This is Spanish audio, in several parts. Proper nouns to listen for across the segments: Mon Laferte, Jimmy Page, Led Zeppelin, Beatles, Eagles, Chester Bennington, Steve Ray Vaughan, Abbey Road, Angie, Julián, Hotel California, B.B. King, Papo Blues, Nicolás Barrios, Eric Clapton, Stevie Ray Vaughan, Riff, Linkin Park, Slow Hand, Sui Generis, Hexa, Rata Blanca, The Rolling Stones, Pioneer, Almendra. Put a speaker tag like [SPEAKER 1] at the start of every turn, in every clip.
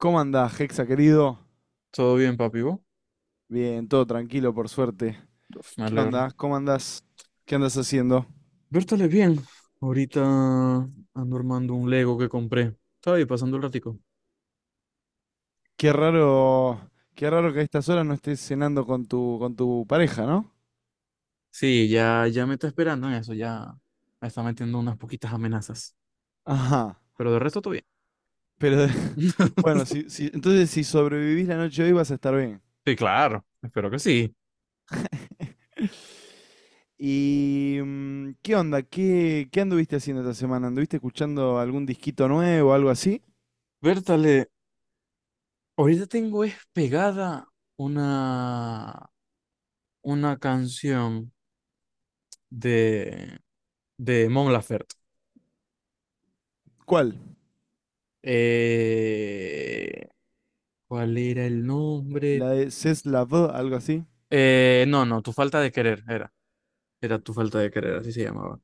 [SPEAKER 1] ¿Cómo andás, Hexa, querido?
[SPEAKER 2] Todo bien, papi, ¿vos?
[SPEAKER 1] Bien, todo tranquilo, por suerte.
[SPEAKER 2] Uf, me
[SPEAKER 1] ¿Qué
[SPEAKER 2] alegro.
[SPEAKER 1] onda? ¿Cómo andás? ¿Qué andas haciendo?
[SPEAKER 2] Vértale bien. Ahorita ando armando un Lego que compré. Estaba ahí pasando el ratico.
[SPEAKER 1] Qué raro, qué raro que a estas horas no estés cenando con tu pareja, ¿no?
[SPEAKER 2] Sí, ya me está esperando en eso, ya me está metiendo unas poquitas amenazas.
[SPEAKER 1] Ajá.
[SPEAKER 2] Pero de resto todo bien.
[SPEAKER 1] Pero de- bueno, entonces si sobrevivís la noche de hoy vas a estar bien.
[SPEAKER 2] Sí, claro, espero que sí.
[SPEAKER 1] ¿Y qué onda? ¿Qué anduviste haciendo esta semana? ¿Anduviste escuchando algún disquito nuevo o algo así?
[SPEAKER 2] Vértale, ahorita tengo es pegada una, una canción de, de Mon Laferte.
[SPEAKER 1] ¿Cuál?
[SPEAKER 2] Eh, ¿Cuál era el nombre?
[SPEAKER 1] ¿La de C'est la vie, algo así?
[SPEAKER 2] No, no, tu falta de querer era. Era tu falta de querer, así se llamaba.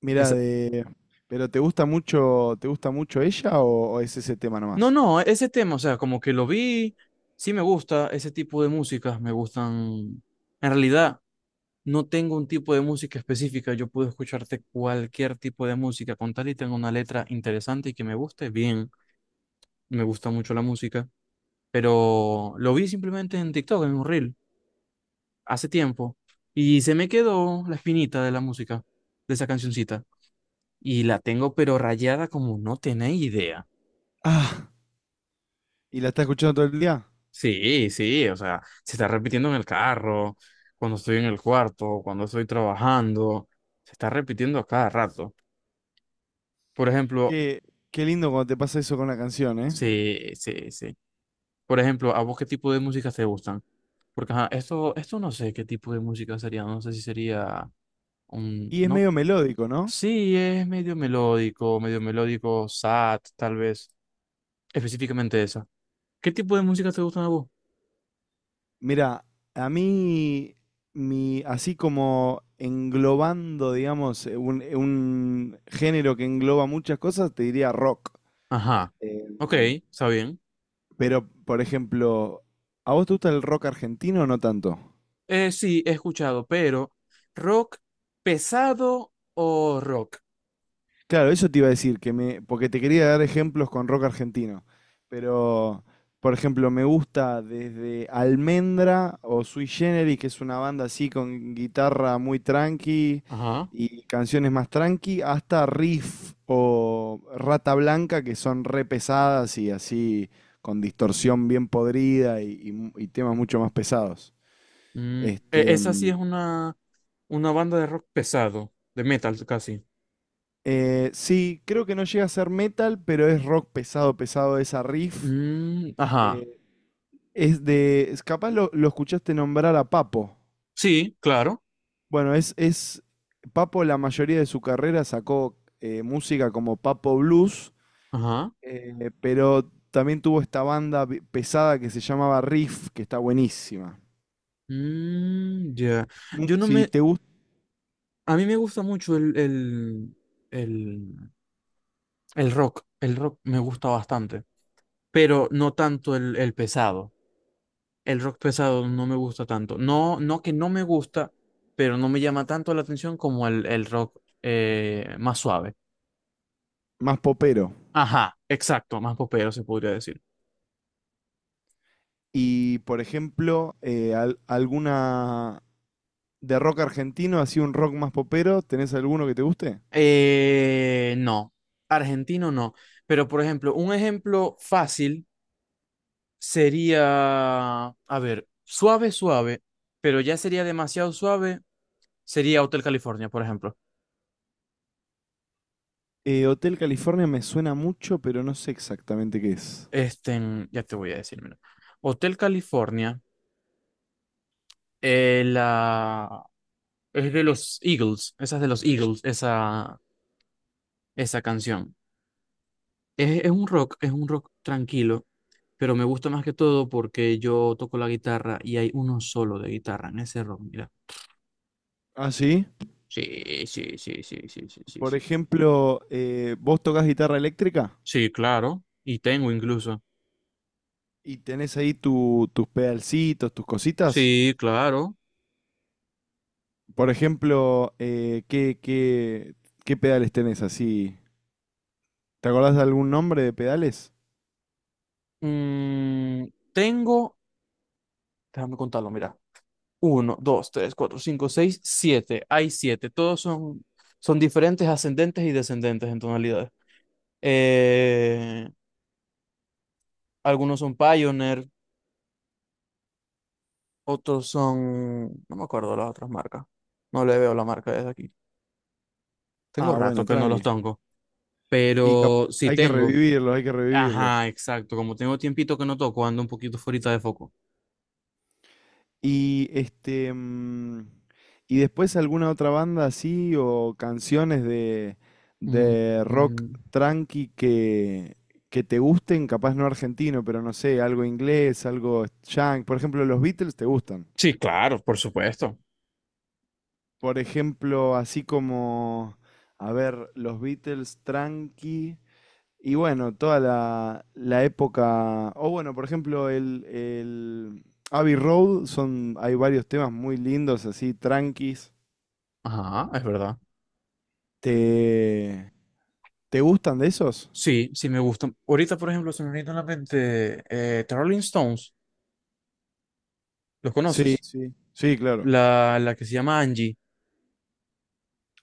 [SPEAKER 1] Mira,
[SPEAKER 2] Esa...
[SPEAKER 1] de. ¿Pero te gusta mucho ella o es ese tema
[SPEAKER 2] No,
[SPEAKER 1] nomás?
[SPEAKER 2] no, ese tema, o sea, como que lo vi, sí me gusta, ese tipo de músicas me gustan. En realidad, no tengo un tipo de música específica, yo puedo escucharte cualquier tipo de música, con tal y tenga una letra interesante y que me guste, bien, me gusta mucho la música, pero lo vi simplemente en TikTok, en un reel, hace tiempo, y se me quedó la espinita de la música, de esa cancioncita, y la tengo pero rayada como no tenéis idea.
[SPEAKER 1] Ah, ¿y la estás escuchando todo el día?
[SPEAKER 2] Sí, sí, o sea, se está repitiendo en el carro, cuando estoy en el cuarto, cuando estoy trabajando, se está repitiendo a cada rato. Por ejemplo,
[SPEAKER 1] Qué, qué lindo cuando te pasa eso con una canción, ¿eh?
[SPEAKER 2] sí, sí, sí. Por ejemplo, ¿a vos qué tipo de música te gustan? Porque ajá, esto no sé qué tipo de música sería, no sé si sería un,
[SPEAKER 1] Y es
[SPEAKER 2] no,
[SPEAKER 1] medio melódico, ¿no?
[SPEAKER 2] sí, es medio melódico, sad, tal vez, específicamente esa. ¿Qué tipo de música te gustan a vos?
[SPEAKER 1] Mira, a mí, mi, así como englobando, digamos, un género que engloba muchas cosas, te diría rock.
[SPEAKER 2] Ajá, ok,
[SPEAKER 1] Em,
[SPEAKER 2] está bien.
[SPEAKER 1] pero, por ejemplo, ¿a vos te gusta el rock argentino o no tanto?
[SPEAKER 2] Sí, he escuchado, pero rock pesado o rock.
[SPEAKER 1] Claro, eso te iba a decir, que me, porque te quería dar ejemplos con rock argentino, pero por ejemplo me gusta desde Almendra o Sui Generis, que es una banda así con guitarra muy tranqui
[SPEAKER 2] Ajá.
[SPEAKER 1] y canciones más tranqui, hasta Riff o Rata Blanca, que son re pesadas y así con distorsión bien podrida y temas mucho más pesados.
[SPEAKER 2] Mm,
[SPEAKER 1] Este,
[SPEAKER 2] esa sí
[SPEAKER 1] mm,
[SPEAKER 2] es una banda de rock pesado, de metal casi.
[SPEAKER 1] sí, creo que no llega a ser metal, pero es rock pesado, pesado esa Riff.
[SPEAKER 2] Mm, ajá.
[SPEAKER 1] Eh, Capaz lo escuchaste nombrar a Papo.
[SPEAKER 2] Sí, claro.
[SPEAKER 1] Bueno, es, es. Papo, la mayoría de su carrera sacó música como Papo Blues,
[SPEAKER 2] Ajá.
[SPEAKER 1] pero también tuvo esta banda pesada que se llamaba Riff, que está buenísima.
[SPEAKER 2] Mm, ya. Yo no
[SPEAKER 1] Si
[SPEAKER 2] me.
[SPEAKER 1] te gusta,
[SPEAKER 2] A mí me gusta mucho el, el rock. El rock me gusta bastante, pero no tanto el pesado. El rock pesado no me gusta tanto. No, no que no me gusta, pero no me llama tanto la atención como el rock más suave.
[SPEAKER 1] más popero.
[SPEAKER 2] Ajá, exacto, más popero se podría decir.
[SPEAKER 1] Y por ejemplo, alguna. De rock argentino, así un rock más popero, ¿tenés alguno que te guste?
[SPEAKER 2] No, argentino no. Pero por ejemplo, un ejemplo fácil sería, a ver, suave, suave, pero ya sería demasiado suave, sería Hotel California, por ejemplo.
[SPEAKER 1] Hotel California me suena mucho, pero no sé exactamente qué es.
[SPEAKER 2] Este, ya te voy a decir, mira. Hotel California, la es de los Eagles, esa es de los Eagles, esa canción. Es un rock tranquilo, pero me gusta más que todo porque yo toco la guitarra y hay uno solo de guitarra en ese rock, mira.
[SPEAKER 1] ¿Ah, sí?
[SPEAKER 2] Sí, sí, sí, sí, sí, sí, sí,
[SPEAKER 1] Por
[SPEAKER 2] sí.
[SPEAKER 1] ejemplo, vos tocas guitarra eléctrica
[SPEAKER 2] Sí, claro, y tengo incluso.
[SPEAKER 1] y tenés ahí tus pedalcitos, tus cositas.
[SPEAKER 2] Sí, claro.
[SPEAKER 1] Por ejemplo, ¿qué pedales tenés así? ¿Te acordás de algún nombre de pedales?
[SPEAKER 2] Mm, tengo, déjame contarlo, mira. Uno, dos, tres, cuatro, cinco, seis, siete. Hay siete. Todos son, son diferentes ascendentes y descendentes en tonalidades. Eh, Algunos son Pioneer, otros son... No me acuerdo las otras marcas. No le veo la marca desde aquí. Tengo
[SPEAKER 1] Ah,
[SPEAKER 2] rato
[SPEAKER 1] bueno,
[SPEAKER 2] que no los
[SPEAKER 1] tranqui.
[SPEAKER 2] tengo,
[SPEAKER 1] Y
[SPEAKER 2] pero sí
[SPEAKER 1] hay que
[SPEAKER 2] tengo.
[SPEAKER 1] revivirlos, hay que revivirlos.
[SPEAKER 2] Ajá, exacto. Como tengo tiempito que no toco, ando un poquito fuera de foco.
[SPEAKER 1] Y y después alguna otra banda así o canciones de,
[SPEAKER 2] Mm,
[SPEAKER 1] de rock
[SPEAKER 2] mm.
[SPEAKER 1] tranqui que te gusten, capaz no argentino, pero no sé, algo inglés, algo junk. Por ejemplo, los Beatles te gustan.
[SPEAKER 2] Sí, claro, por supuesto.
[SPEAKER 1] Por ejemplo, así como, a ver, los Beatles tranqui. Y bueno, toda la época. O bueno, por ejemplo, el Abbey Road son, hay varios temas muy lindos, así, tranquis.
[SPEAKER 2] Ajá, es verdad.
[SPEAKER 1] ¿Te, te gustan de esos?
[SPEAKER 2] Sí, sí me gustan. Ahorita, por ejemplo, se me viene a la mente The Rolling Stones. ¿Los
[SPEAKER 1] Sí,
[SPEAKER 2] conoces?
[SPEAKER 1] sí, sí, claro.
[SPEAKER 2] La que se llama Angie.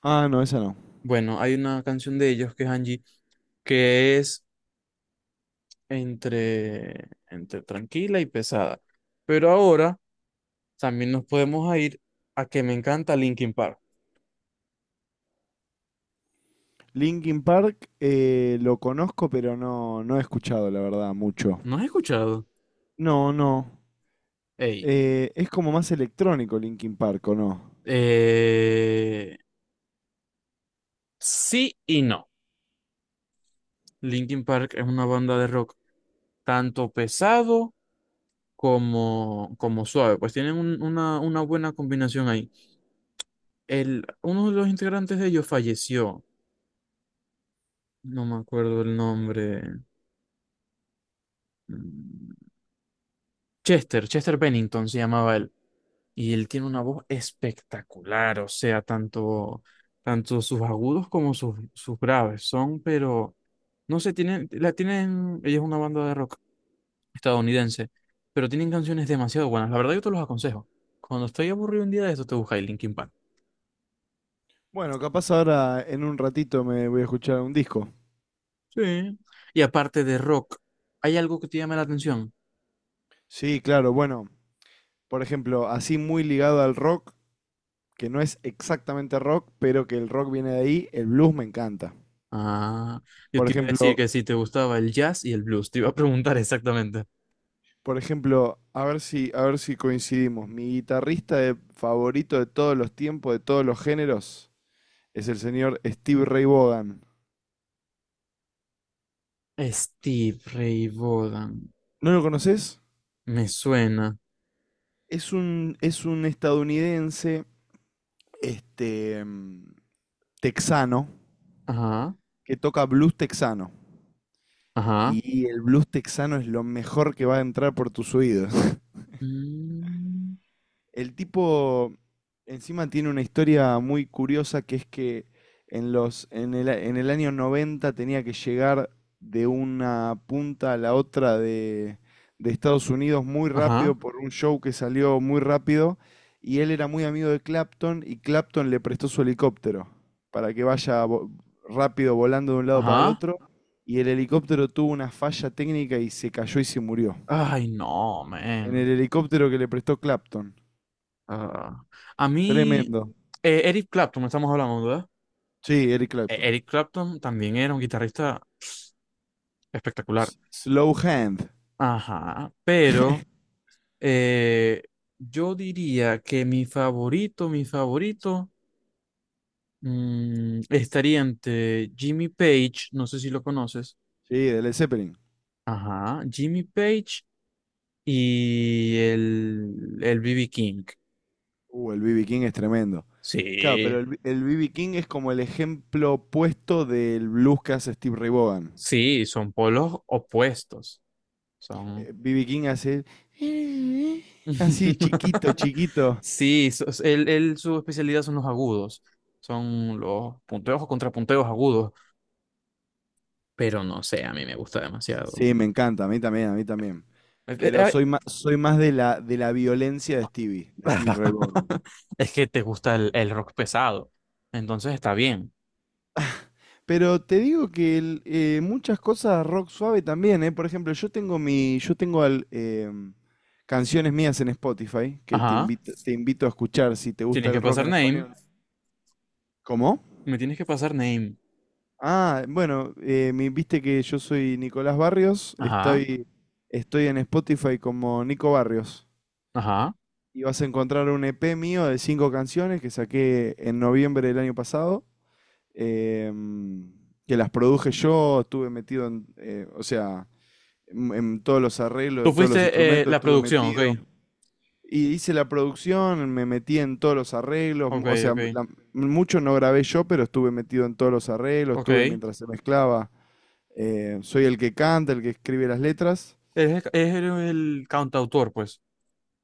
[SPEAKER 1] Ah, no, esa no.
[SPEAKER 2] Bueno, hay una canción de ellos que es Angie que es entre tranquila y pesada. Pero ahora también nos podemos a ir a que me encanta Linkin Park.
[SPEAKER 1] Linkin Park, lo conozco, pero no, no he escuchado, la verdad, mucho.
[SPEAKER 2] ¿No has escuchado?
[SPEAKER 1] No, no.
[SPEAKER 2] Ey,
[SPEAKER 1] Es como más electrónico Linkin Park, ¿o no?
[SPEAKER 2] eh, sí y no. Linkin Park es una banda de rock tanto pesado como, como suave. Pues tienen una buena combinación ahí. El, uno de los integrantes de ellos falleció. No me acuerdo el nombre. Mm, Chester, Chester Bennington se llamaba él. Y él tiene una voz espectacular, o sea, tanto, tanto sus agudos como sus, sus graves son, pero no sé, tienen, la tienen, ella es una banda de rock estadounidense, pero tienen canciones demasiado buenas. La verdad, yo te los aconsejo. Cuando estoy aburrido un día de esto, te buscáis Linkin Park.
[SPEAKER 1] Bueno, capaz ahora en un ratito me voy a escuchar un disco.
[SPEAKER 2] Sí. Y aparte de rock, ¿hay algo que te llame la atención?
[SPEAKER 1] Sí, claro, bueno, por ejemplo, así muy ligado al rock, que no es exactamente rock, pero que el rock viene de ahí, el blues me encanta.
[SPEAKER 2] Ah, yo
[SPEAKER 1] Por
[SPEAKER 2] te iba a decir
[SPEAKER 1] ejemplo,
[SPEAKER 2] que si te gustaba el jazz y el blues, te iba a preguntar exactamente.
[SPEAKER 1] Por ejemplo, a ver si coincidimos. Mi guitarrista favorito de todos los tiempos, de todos los géneros, es el señor Steve Ray Vaughan.
[SPEAKER 2] Steve Ray Vaughan,
[SPEAKER 1] ¿No lo conoces?
[SPEAKER 2] me suena.
[SPEAKER 1] Es un estadounidense, este, mm, texano,
[SPEAKER 2] Ajá.
[SPEAKER 1] que toca blues texano.
[SPEAKER 2] Ajá,
[SPEAKER 1] Y el blues texano es lo mejor que va a entrar por tus oídos.
[SPEAKER 2] mm,
[SPEAKER 1] El tipo encima tiene una historia muy curiosa que es que en el año 90 tenía que llegar de una punta a la otra de Estados Unidos muy rápido
[SPEAKER 2] ajá,
[SPEAKER 1] por un show que salió muy rápido y él era muy amigo de Clapton y Clapton le prestó su helicóptero para que vaya rápido volando de un lado para el
[SPEAKER 2] ajá.
[SPEAKER 1] otro y el helicóptero tuvo una falla técnica y se cayó y se murió.
[SPEAKER 2] Ay, no,
[SPEAKER 1] En
[SPEAKER 2] man.
[SPEAKER 1] el helicóptero que le prestó Clapton.
[SPEAKER 2] Ah, a mí,
[SPEAKER 1] Tremendo.
[SPEAKER 2] Eric Clapton, estamos hablando, ¿verdad?
[SPEAKER 1] Sí, Eric Clapton.
[SPEAKER 2] Eric Clapton también era un guitarrista espectacular.
[SPEAKER 1] Slow Hand.
[SPEAKER 2] Ajá, pero eh, yo diría que mi favorito, mm, estaría entre Jimmy Page, no sé si lo conoces.
[SPEAKER 1] Sí, de Led Zeppelin.
[SPEAKER 2] Ajá, Jimmy Page y el B.B. King.
[SPEAKER 1] El B.B. King es tremendo. Claro,
[SPEAKER 2] Sí,
[SPEAKER 1] pero el B.B. King es como el ejemplo opuesto del blues que hace Steve Ray Vaughan.
[SPEAKER 2] sí, son polos opuestos. Son.
[SPEAKER 1] B.B. King hace. Así chiquito, chiquito.
[SPEAKER 2] Sí, él, su especialidad son los agudos. Son los punteos o contrapunteos agudos. Pero no sé, a mí me gusta demasiado.
[SPEAKER 1] Sí, me encanta, a mí también, a mí también.
[SPEAKER 2] Eh, eh,
[SPEAKER 1] Pero
[SPEAKER 2] eh,
[SPEAKER 1] soy más de la violencia de Stevie Ray Vaughan.
[SPEAKER 2] es que te gusta el rock pesado. Entonces está bien.
[SPEAKER 1] Pero te digo que muchas cosas rock suave también, ¿eh? Por ejemplo, yo tengo canciones mías en Spotify que te
[SPEAKER 2] Ajá.
[SPEAKER 1] invito, te invito a escuchar si te gusta
[SPEAKER 2] Tienes que
[SPEAKER 1] el rock
[SPEAKER 2] pasar
[SPEAKER 1] en
[SPEAKER 2] name.
[SPEAKER 1] español. ¿Cómo?
[SPEAKER 2] Me tienes que pasar name.
[SPEAKER 1] Ah, bueno, viste que yo soy Nicolás Barrios,
[SPEAKER 2] Ajá.
[SPEAKER 1] estoy en Spotify como Nico Barrios.
[SPEAKER 2] Ajá.
[SPEAKER 1] Y vas a encontrar un EP mío de cinco canciones que saqué en noviembre del año pasado, em, que las produje yo, estuve metido o sea. En todos los arreglos de
[SPEAKER 2] Tú
[SPEAKER 1] todos los
[SPEAKER 2] fuiste
[SPEAKER 1] instrumentos,
[SPEAKER 2] la
[SPEAKER 1] estuve
[SPEAKER 2] producción, ok.
[SPEAKER 1] metido. Y hice la producción, me metí en todos los arreglos,
[SPEAKER 2] Ok,
[SPEAKER 1] o sea,
[SPEAKER 2] ok.
[SPEAKER 1] mucho no grabé yo, pero estuve metido en todos los arreglos,
[SPEAKER 2] Ok.
[SPEAKER 1] estuve
[SPEAKER 2] Eres
[SPEAKER 1] mientras se mezclaba. Soy el que canta, el que escribe las letras.
[SPEAKER 2] el, eres el cantautor, pues.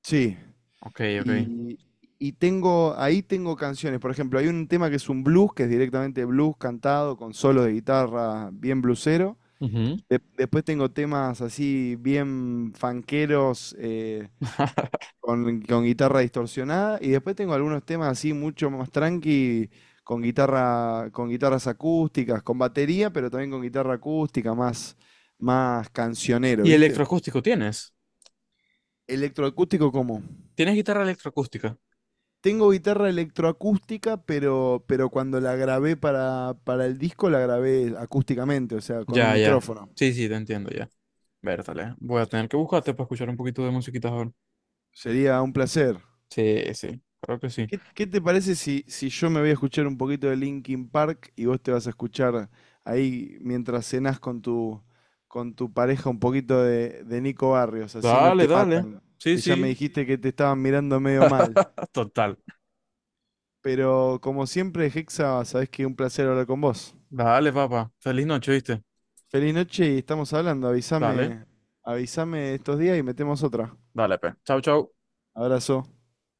[SPEAKER 1] Sí.
[SPEAKER 2] Ok, ok.
[SPEAKER 1] Y, y ahí tengo canciones. Por ejemplo, hay un tema que es un blues, que es directamente blues cantado con solos de guitarra bien bluesero.
[SPEAKER 2] Ujú.
[SPEAKER 1] Después tengo temas así bien fanqueros, con guitarra distorsionada y después tengo algunos temas así mucho más tranqui con guitarras acústicas, con batería, pero también con guitarra acústica más cancionero,
[SPEAKER 2] ¿Y
[SPEAKER 1] ¿viste?
[SPEAKER 2] electroacústico tienes?
[SPEAKER 1] ¿Electroacústico cómo?
[SPEAKER 2] ¿Tienes guitarra electroacústica?
[SPEAKER 1] Tengo guitarra electroacústica, pero cuando la grabé para el disco la grabé acústicamente, o sea, con un
[SPEAKER 2] Ya, ya.
[SPEAKER 1] micrófono.
[SPEAKER 2] Sí, sí, te entiendo, ya. Vértale. Voy a tener que buscarte para escuchar un poquito de musiquita ahora.
[SPEAKER 1] Sería un placer.
[SPEAKER 2] Sí, sí, creo que sí.
[SPEAKER 1] ¿Qué te parece si yo me voy a escuchar un poquito de Linkin Park y vos te vas a escuchar ahí mientras cenás con tu pareja un poquito de Nico Barrios? Así no
[SPEAKER 2] Dale,
[SPEAKER 1] te
[SPEAKER 2] dale.
[SPEAKER 1] matan.
[SPEAKER 2] Sí,
[SPEAKER 1] Que ya me
[SPEAKER 2] sí,
[SPEAKER 1] dijiste que te estaban mirando medio mal.
[SPEAKER 2] ah, total.
[SPEAKER 1] Pero como siempre, Hexa, sabés que un placer hablar con vos.
[SPEAKER 2] Dale, papá. Feliz noche, ¿viste?
[SPEAKER 1] Feliz noche y estamos hablando.
[SPEAKER 2] Dale,
[SPEAKER 1] Avísame estos días y metemos otra.
[SPEAKER 2] dale, pe. Chau, chau.
[SPEAKER 1] Abrazo.